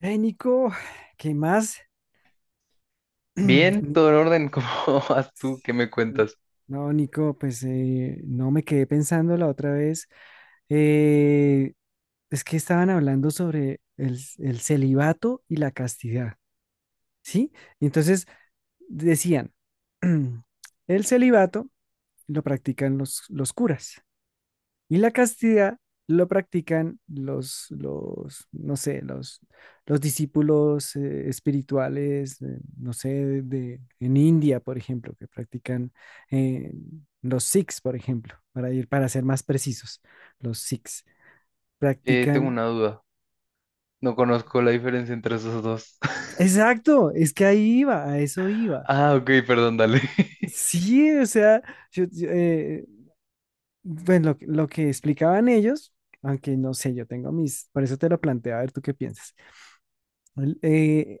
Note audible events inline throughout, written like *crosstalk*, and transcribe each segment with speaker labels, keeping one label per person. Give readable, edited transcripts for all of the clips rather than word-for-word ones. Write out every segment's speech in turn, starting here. Speaker 1: Hey, Nico, ¿qué más? *clears throat*
Speaker 2: Bien,
Speaker 1: Ni-
Speaker 2: todo en orden, *laughs* ¿cómo vas tú? ¿Qué me
Speaker 1: ni-
Speaker 2: cuentas?
Speaker 1: No, Nico, pues no me quedé pensando la otra vez. eh, es que estaban hablando sobre el celibato y la castidad, ¿sí? Y entonces decían, *clears throat* el celibato lo practican los curas. Y la castidad lo practican no sé, los discípulos espirituales, no sé, en India, por ejemplo, que practican, eh, los Sikhs, por ejemplo, para ir, para ser más precisos, los Sikhs
Speaker 2: Tengo
Speaker 1: practican.
Speaker 2: una duda. No conozco la diferencia entre esos dos. *laughs*
Speaker 1: Exacto, es que ahí iba, a eso iba.
Speaker 2: Ah, ok, perdón, dale. *laughs*
Speaker 1: Sí, o sea, yo, bueno, lo que explicaban ellos, aunque no sé, yo tengo mis, por eso te lo planteé, a ver tú qué piensas. El- eh,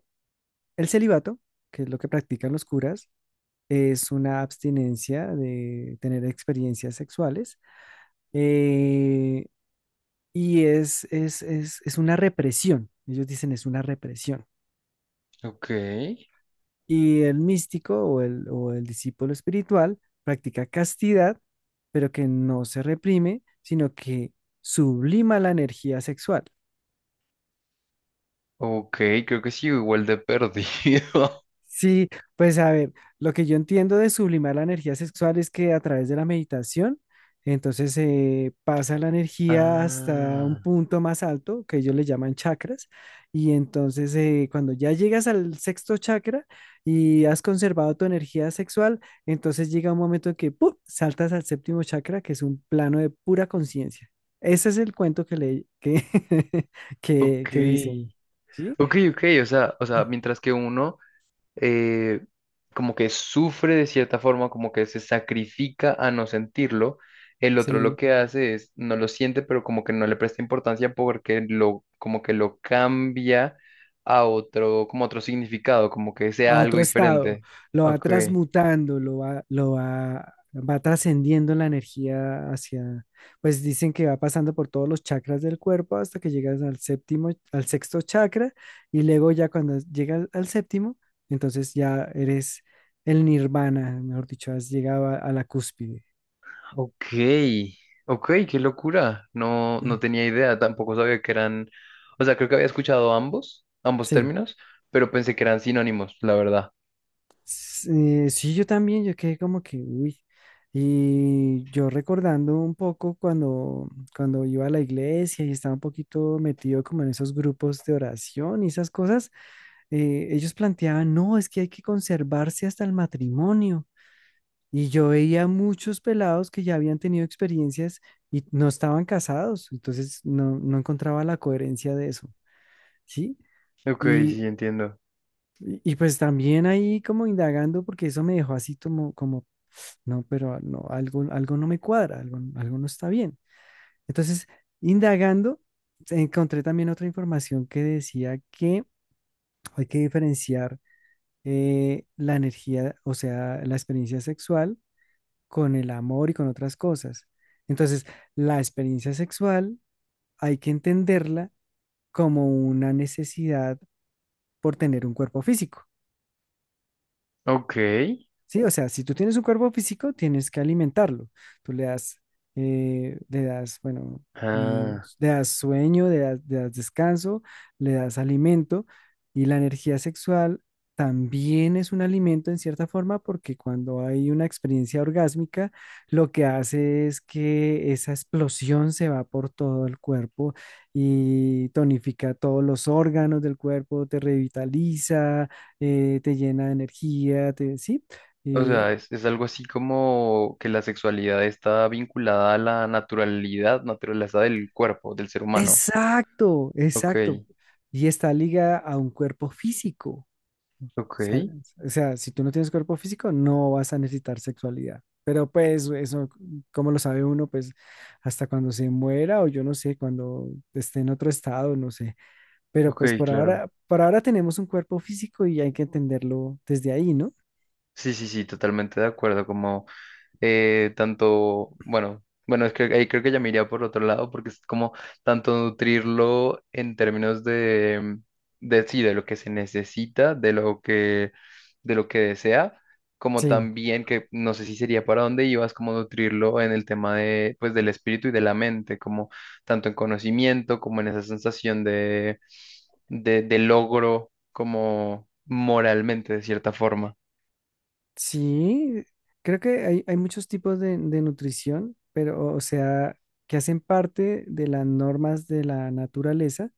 Speaker 1: El celibato, que es lo que practican los curas, es una abstinencia de tener experiencias sexuales, eh, y es una represión. Ellos dicen es una represión.
Speaker 2: Ok,
Speaker 1: Y el místico o el discípulo espiritual practica castidad, pero que no se reprime, sino que sublima la energía sexual.
Speaker 2: ok, creo que sí, igual de perdido.
Speaker 1: Sí, pues a ver, lo que yo entiendo de sublimar la energía sexual es que a través de la meditación, entonces se pasa la
Speaker 2: *laughs*
Speaker 1: energía hasta un
Speaker 2: Ah,
Speaker 1: punto más alto, que ellos le llaman chakras, y entonces cuando ya llegas al sexto chakra y has conservado tu energía sexual, entonces llega un momento en que ¡pum!, saltas al séptimo chakra, que es un plano de pura conciencia. Ese es el cuento que *laughs*
Speaker 2: ok.
Speaker 1: que dicen, ¿sí?
Speaker 2: Ok, ok, o sea, mientras que uno eh, como que sufre de cierta forma, como que se sacrifica a no sentirlo. El otro lo
Speaker 1: Sí.
Speaker 2: que hace es, no lo siente, pero como que no le presta importancia porque lo, como que lo cambia a otro, como otro significado, como que
Speaker 1: A
Speaker 2: sea algo
Speaker 1: otro estado,
Speaker 2: diferente.
Speaker 1: lo va
Speaker 2: Ok,
Speaker 1: transmutando, va trascendiendo la energía hacia, pues dicen que va pasando por todos los chakras del cuerpo hasta que llegas al séptimo, al sexto chakra, y luego ya cuando llegas al séptimo, entonces ya eres el nirvana, mejor dicho, has llegado a la cúspide.
Speaker 2: ok, ok, qué locura. No, no
Speaker 1: *clears throat*
Speaker 2: tenía idea, tampoco sabía que eran, o sea, creo que había escuchado ambos, ambos
Speaker 1: Sí.
Speaker 2: términos, pero pensé que eran sinónimos, la verdad.
Speaker 1: Sí, sí, yo también, yo quedé como que, uy. Y yo recordando un poco cuando, cuando iba a la iglesia y estaba un poquito metido como en esos grupos de oración y esas cosas, ellos planteaban, no, es que hay que conservarse hasta el matrimonio. Y yo veía muchos pelados que ya habían tenido experiencias y no estaban casados, entonces no, no encontraba la coherencia de eso, ¿sí?
Speaker 2: Ok,
Speaker 1: Y,
Speaker 2: sí, entiendo.
Speaker 1: y pues también ahí como indagando, porque eso me dejó así como, como no, pero no, algo, algo no me cuadra, algo, algo no está bien. Entonces, indagando, encontré también otra información que decía que hay que diferenciar, la energía, o sea, la experiencia sexual con el amor y con otras cosas. Entonces, la experiencia sexual hay que entenderla como una necesidad por tener un cuerpo físico.
Speaker 2: Ok.
Speaker 1: Sí, o sea, si tú tienes un cuerpo físico, tienes que alimentarlo. Tú le das, bueno,
Speaker 2: Ah,
Speaker 1: le das sueño, le das descanso, le das alimento y la energía sexual también es un alimento en cierta forma porque cuando hay una experiencia orgásmica, lo que hace es que esa explosión se va por todo el cuerpo y tonifica todos los órganos del cuerpo, te revitaliza, te llena de energía, te, sí,
Speaker 2: o sea,
Speaker 1: eh,
Speaker 2: es algo así como que la sexualidad está vinculada a la naturalidad, naturaleza del cuerpo, del ser humano.
Speaker 1: exacto,
Speaker 2: Ok,
Speaker 1: exacto. Y esta liga a un cuerpo físico.
Speaker 2: ok,
Speaker 1: O sea, o sea, si tú no tienes cuerpo físico, no vas a necesitar sexualidad. Pero pues eso, como lo sabe uno? Pues hasta cuando se muera o yo no sé, cuando esté en otro estado, no sé. Pero pues
Speaker 2: ok, claro.
Speaker 1: por ahora tenemos un cuerpo físico y hay que entenderlo desde ahí, ¿no?
Speaker 2: Sí, sí, sí, totalmente de acuerdo, como tanto, bueno, bueno, es que ahí creo que ya me iría por otro lado porque es como tanto nutrirlo en términos de sí, de lo que se necesita, de lo que desea, como
Speaker 1: Sí.
Speaker 2: también que no sé si sería para dónde ibas, como nutrirlo en el tema de, pues, del espíritu y de la mente, como tanto en conocimiento como en esa sensación de logro, como moralmente, de cierta forma.
Speaker 1: Sí, creo que hay muchos tipos de nutrición, pero o sea, que hacen parte de las normas de la naturaleza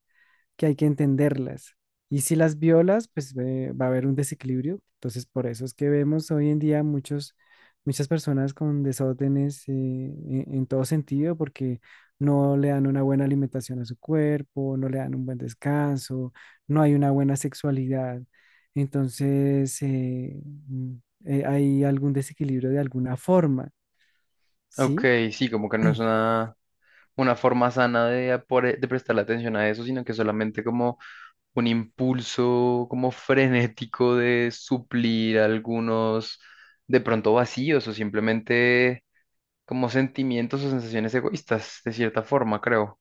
Speaker 1: que hay que entenderlas. Y si las violas, pues va a haber un desequilibrio. Entonces, por eso es que vemos hoy en día muchos, muchas personas con desórdenes en todo sentido, porque no le dan una buena alimentación a su cuerpo, no le dan un buen descanso, no hay una buena sexualidad. Entonces, hay algún desequilibrio de alguna forma,
Speaker 2: Ok,
Speaker 1: ¿sí?
Speaker 2: sí, como que no es una forma sana de, apore- de prestarle atención a eso, sino que solamente como un impulso como frenético de suplir algunos de pronto vacíos o simplemente como sentimientos o sensaciones egoístas, de cierta forma, creo.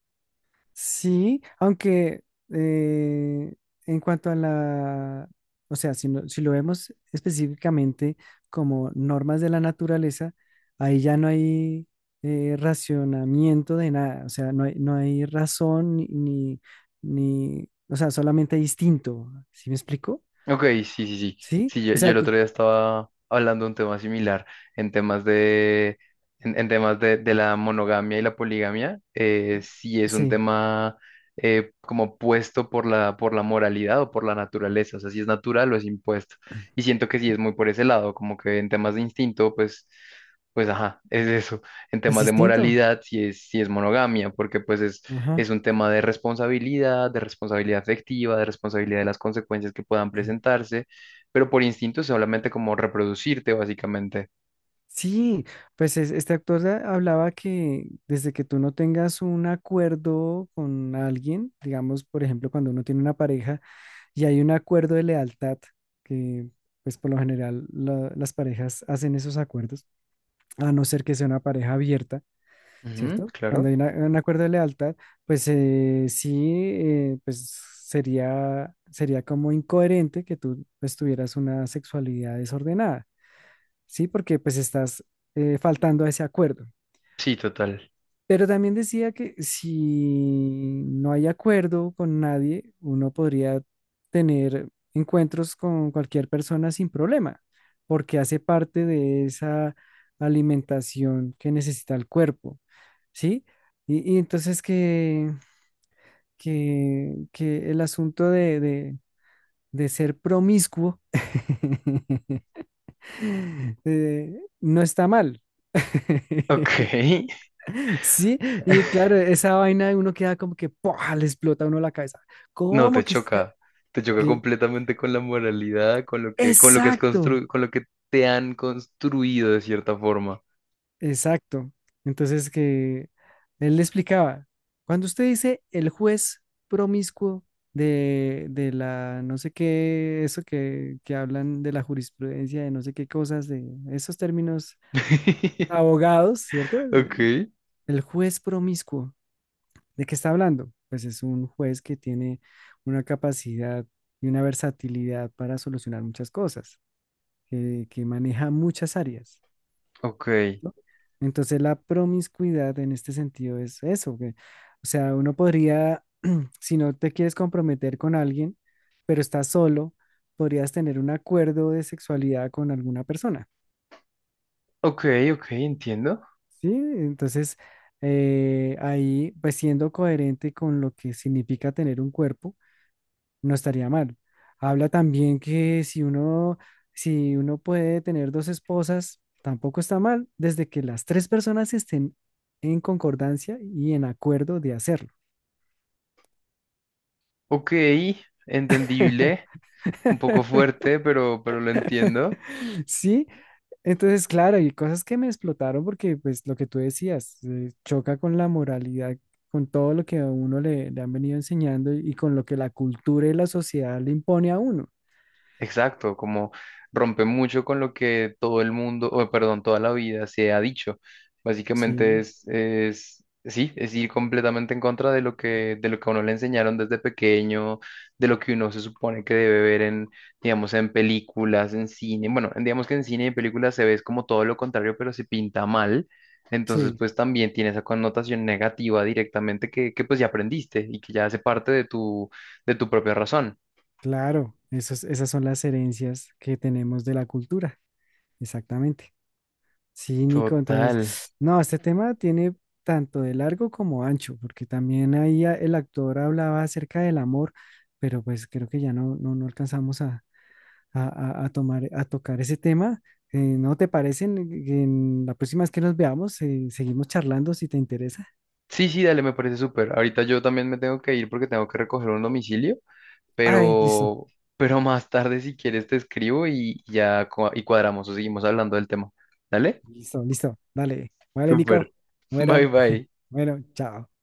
Speaker 1: Sí, aunque eh, en cuanto a la, o sea, si lo vemos específicamente como normas de la naturaleza, ahí ya no hay racionamiento de nada, o sea, no hay, no hay razón o sea, solamente hay instinto, ¿sí me explico?
Speaker 2: Ok, sí, sí, sí.
Speaker 1: Sí,
Speaker 2: Sí, yo,
Speaker 1: o
Speaker 2: yo
Speaker 1: sea,
Speaker 2: el otro día estaba hablando de un tema similar en temas de, en temas de la monogamia y la poligamia. Sí es un
Speaker 1: sí,
Speaker 2: tema como puesto por la moralidad o por la naturaleza, o sea, si es natural o es impuesto. Y siento que sí es muy por ese lado, como que en temas de instinto, pues, pues ajá, es eso. En
Speaker 1: es
Speaker 2: temas de
Speaker 1: instinto.
Speaker 2: moralidad, sí es monogamia, porque pues
Speaker 1: Ajá.
Speaker 2: es un tema de responsabilidad afectiva, de responsabilidad de las consecuencias que puedan presentarse, pero por instinto es solamente como reproducirte, básicamente.
Speaker 1: Sí, pues este actor hablaba que desde que tú no tengas un acuerdo con alguien, digamos, por ejemplo, cuando uno tiene una pareja y hay un acuerdo de lealtad, que pues por lo general las parejas hacen esos acuerdos, a no ser que sea una pareja abierta,
Speaker 2: Ujú,
Speaker 1: ¿cierto? Cuando
Speaker 2: claro.
Speaker 1: hay un acuerdo de lealtad, pues pues sería, sería como incoherente que tú pues tuvieras una sexualidad desordenada. Sí, porque pues estás faltando a ese acuerdo.
Speaker 2: Sí, total.
Speaker 1: Pero también decía que si no hay acuerdo con nadie, uno podría tener encuentros con cualquier persona sin problema, porque hace parte de esa alimentación que necesita el cuerpo, ¿sí? Y entonces que el asunto de ser promiscuo, *laughs* no está mal.
Speaker 2: Ok.
Speaker 1: *laughs* Sí, y
Speaker 2: *laughs*
Speaker 1: claro, esa vaina de uno queda como que ¡pua!, le explota a uno la cabeza.
Speaker 2: No, te
Speaker 1: ¿Cómo que está?
Speaker 2: choca. Te choca
Speaker 1: el-
Speaker 2: completamente con la moralidad, con lo que has
Speaker 1: Exacto,
Speaker 2: constru- con lo que te han construido de cierta forma.
Speaker 1: exacto. Entonces que él le explicaba, cuando usted dice el juez promiscuo de la no sé qué, eso que hablan de la jurisprudencia, de no sé qué cosas, de esos términos
Speaker 2: *laughs*
Speaker 1: abogados, ¿cierto?
Speaker 2: Ok,
Speaker 1: El juez promiscuo. ¿De qué está hablando? Pues es un juez que tiene una capacidad y una versatilidad para solucionar muchas cosas, que maneja muchas áreas,
Speaker 2: ok,
Speaker 1: ¿no? Entonces la promiscuidad en este sentido es eso, que, o sea, uno podría, *clears throat* si no te quieres comprometer con alguien, pero estás solo, podrías tener un acuerdo de sexualidad con alguna persona,
Speaker 2: ok, ok, entiendo.
Speaker 1: ¿sí? Entonces, ahí, pues siendo coherente con lo que significa tener un cuerpo, no estaría mal. Habla también que si uno, si uno puede tener dos esposas, tampoco está mal, desde que las tres personas estén en concordancia y en acuerdo de hacerlo.
Speaker 2: Ok, entendible. Un poco fuerte, pero lo
Speaker 1: *laughs*
Speaker 2: entiendo.
Speaker 1: Sí, entonces, claro, y cosas que me explotaron porque, pues, lo que tú decías, choca con la moralidad, con todo lo que a uno le han venido enseñando y con lo que la cultura y la sociedad le impone a uno.
Speaker 2: Exacto, como rompe mucho con lo que todo el mundo, o perdón, toda la vida se ha dicho. Básicamente
Speaker 1: Sí,
Speaker 2: es, sí, es ir completamente en contra de lo que a uno le enseñaron desde pequeño, de lo que uno se supone que debe ver en, digamos, en películas, en cine. Bueno, en- digamos que en cine y en películas se ve es como todo lo contrario, pero se pinta mal. Entonces,
Speaker 1: sí.
Speaker 2: pues también tiene esa connotación negativa directamente que pues ya aprendiste y que ya hace parte de tu propia razón.
Speaker 1: Claro, esas son las herencias que tenemos de la cultura, exactamente. Sí, Nico, entonces,
Speaker 2: Total.
Speaker 1: no, este tema tiene tanto de largo como ancho, porque también ahí el actor hablaba acerca del amor, pero pues creo que ya no, no, no alcanzamos a, a tomar, a tocar ese tema. ¿No te parece? En la próxima vez que nos veamos, seguimos charlando si te interesa.
Speaker 2: Sí, sí, dale, me parece súper. Ahorita yo también me tengo que ir porque tengo que recoger un domicilio,
Speaker 1: Ay, listo,
Speaker 2: pero, pero más tarde si quieres te escribo y ya cua- y cuadramos o seguimos hablando del tema. ¿Dale?
Speaker 1: listo, listo. Dale, vale, Nico.
Speaker 2: Súper. *laughs* Bye
Speaker 1: Bueno, *laughs*
Speaker 2: bye.
Speaker 1: bueno, chao.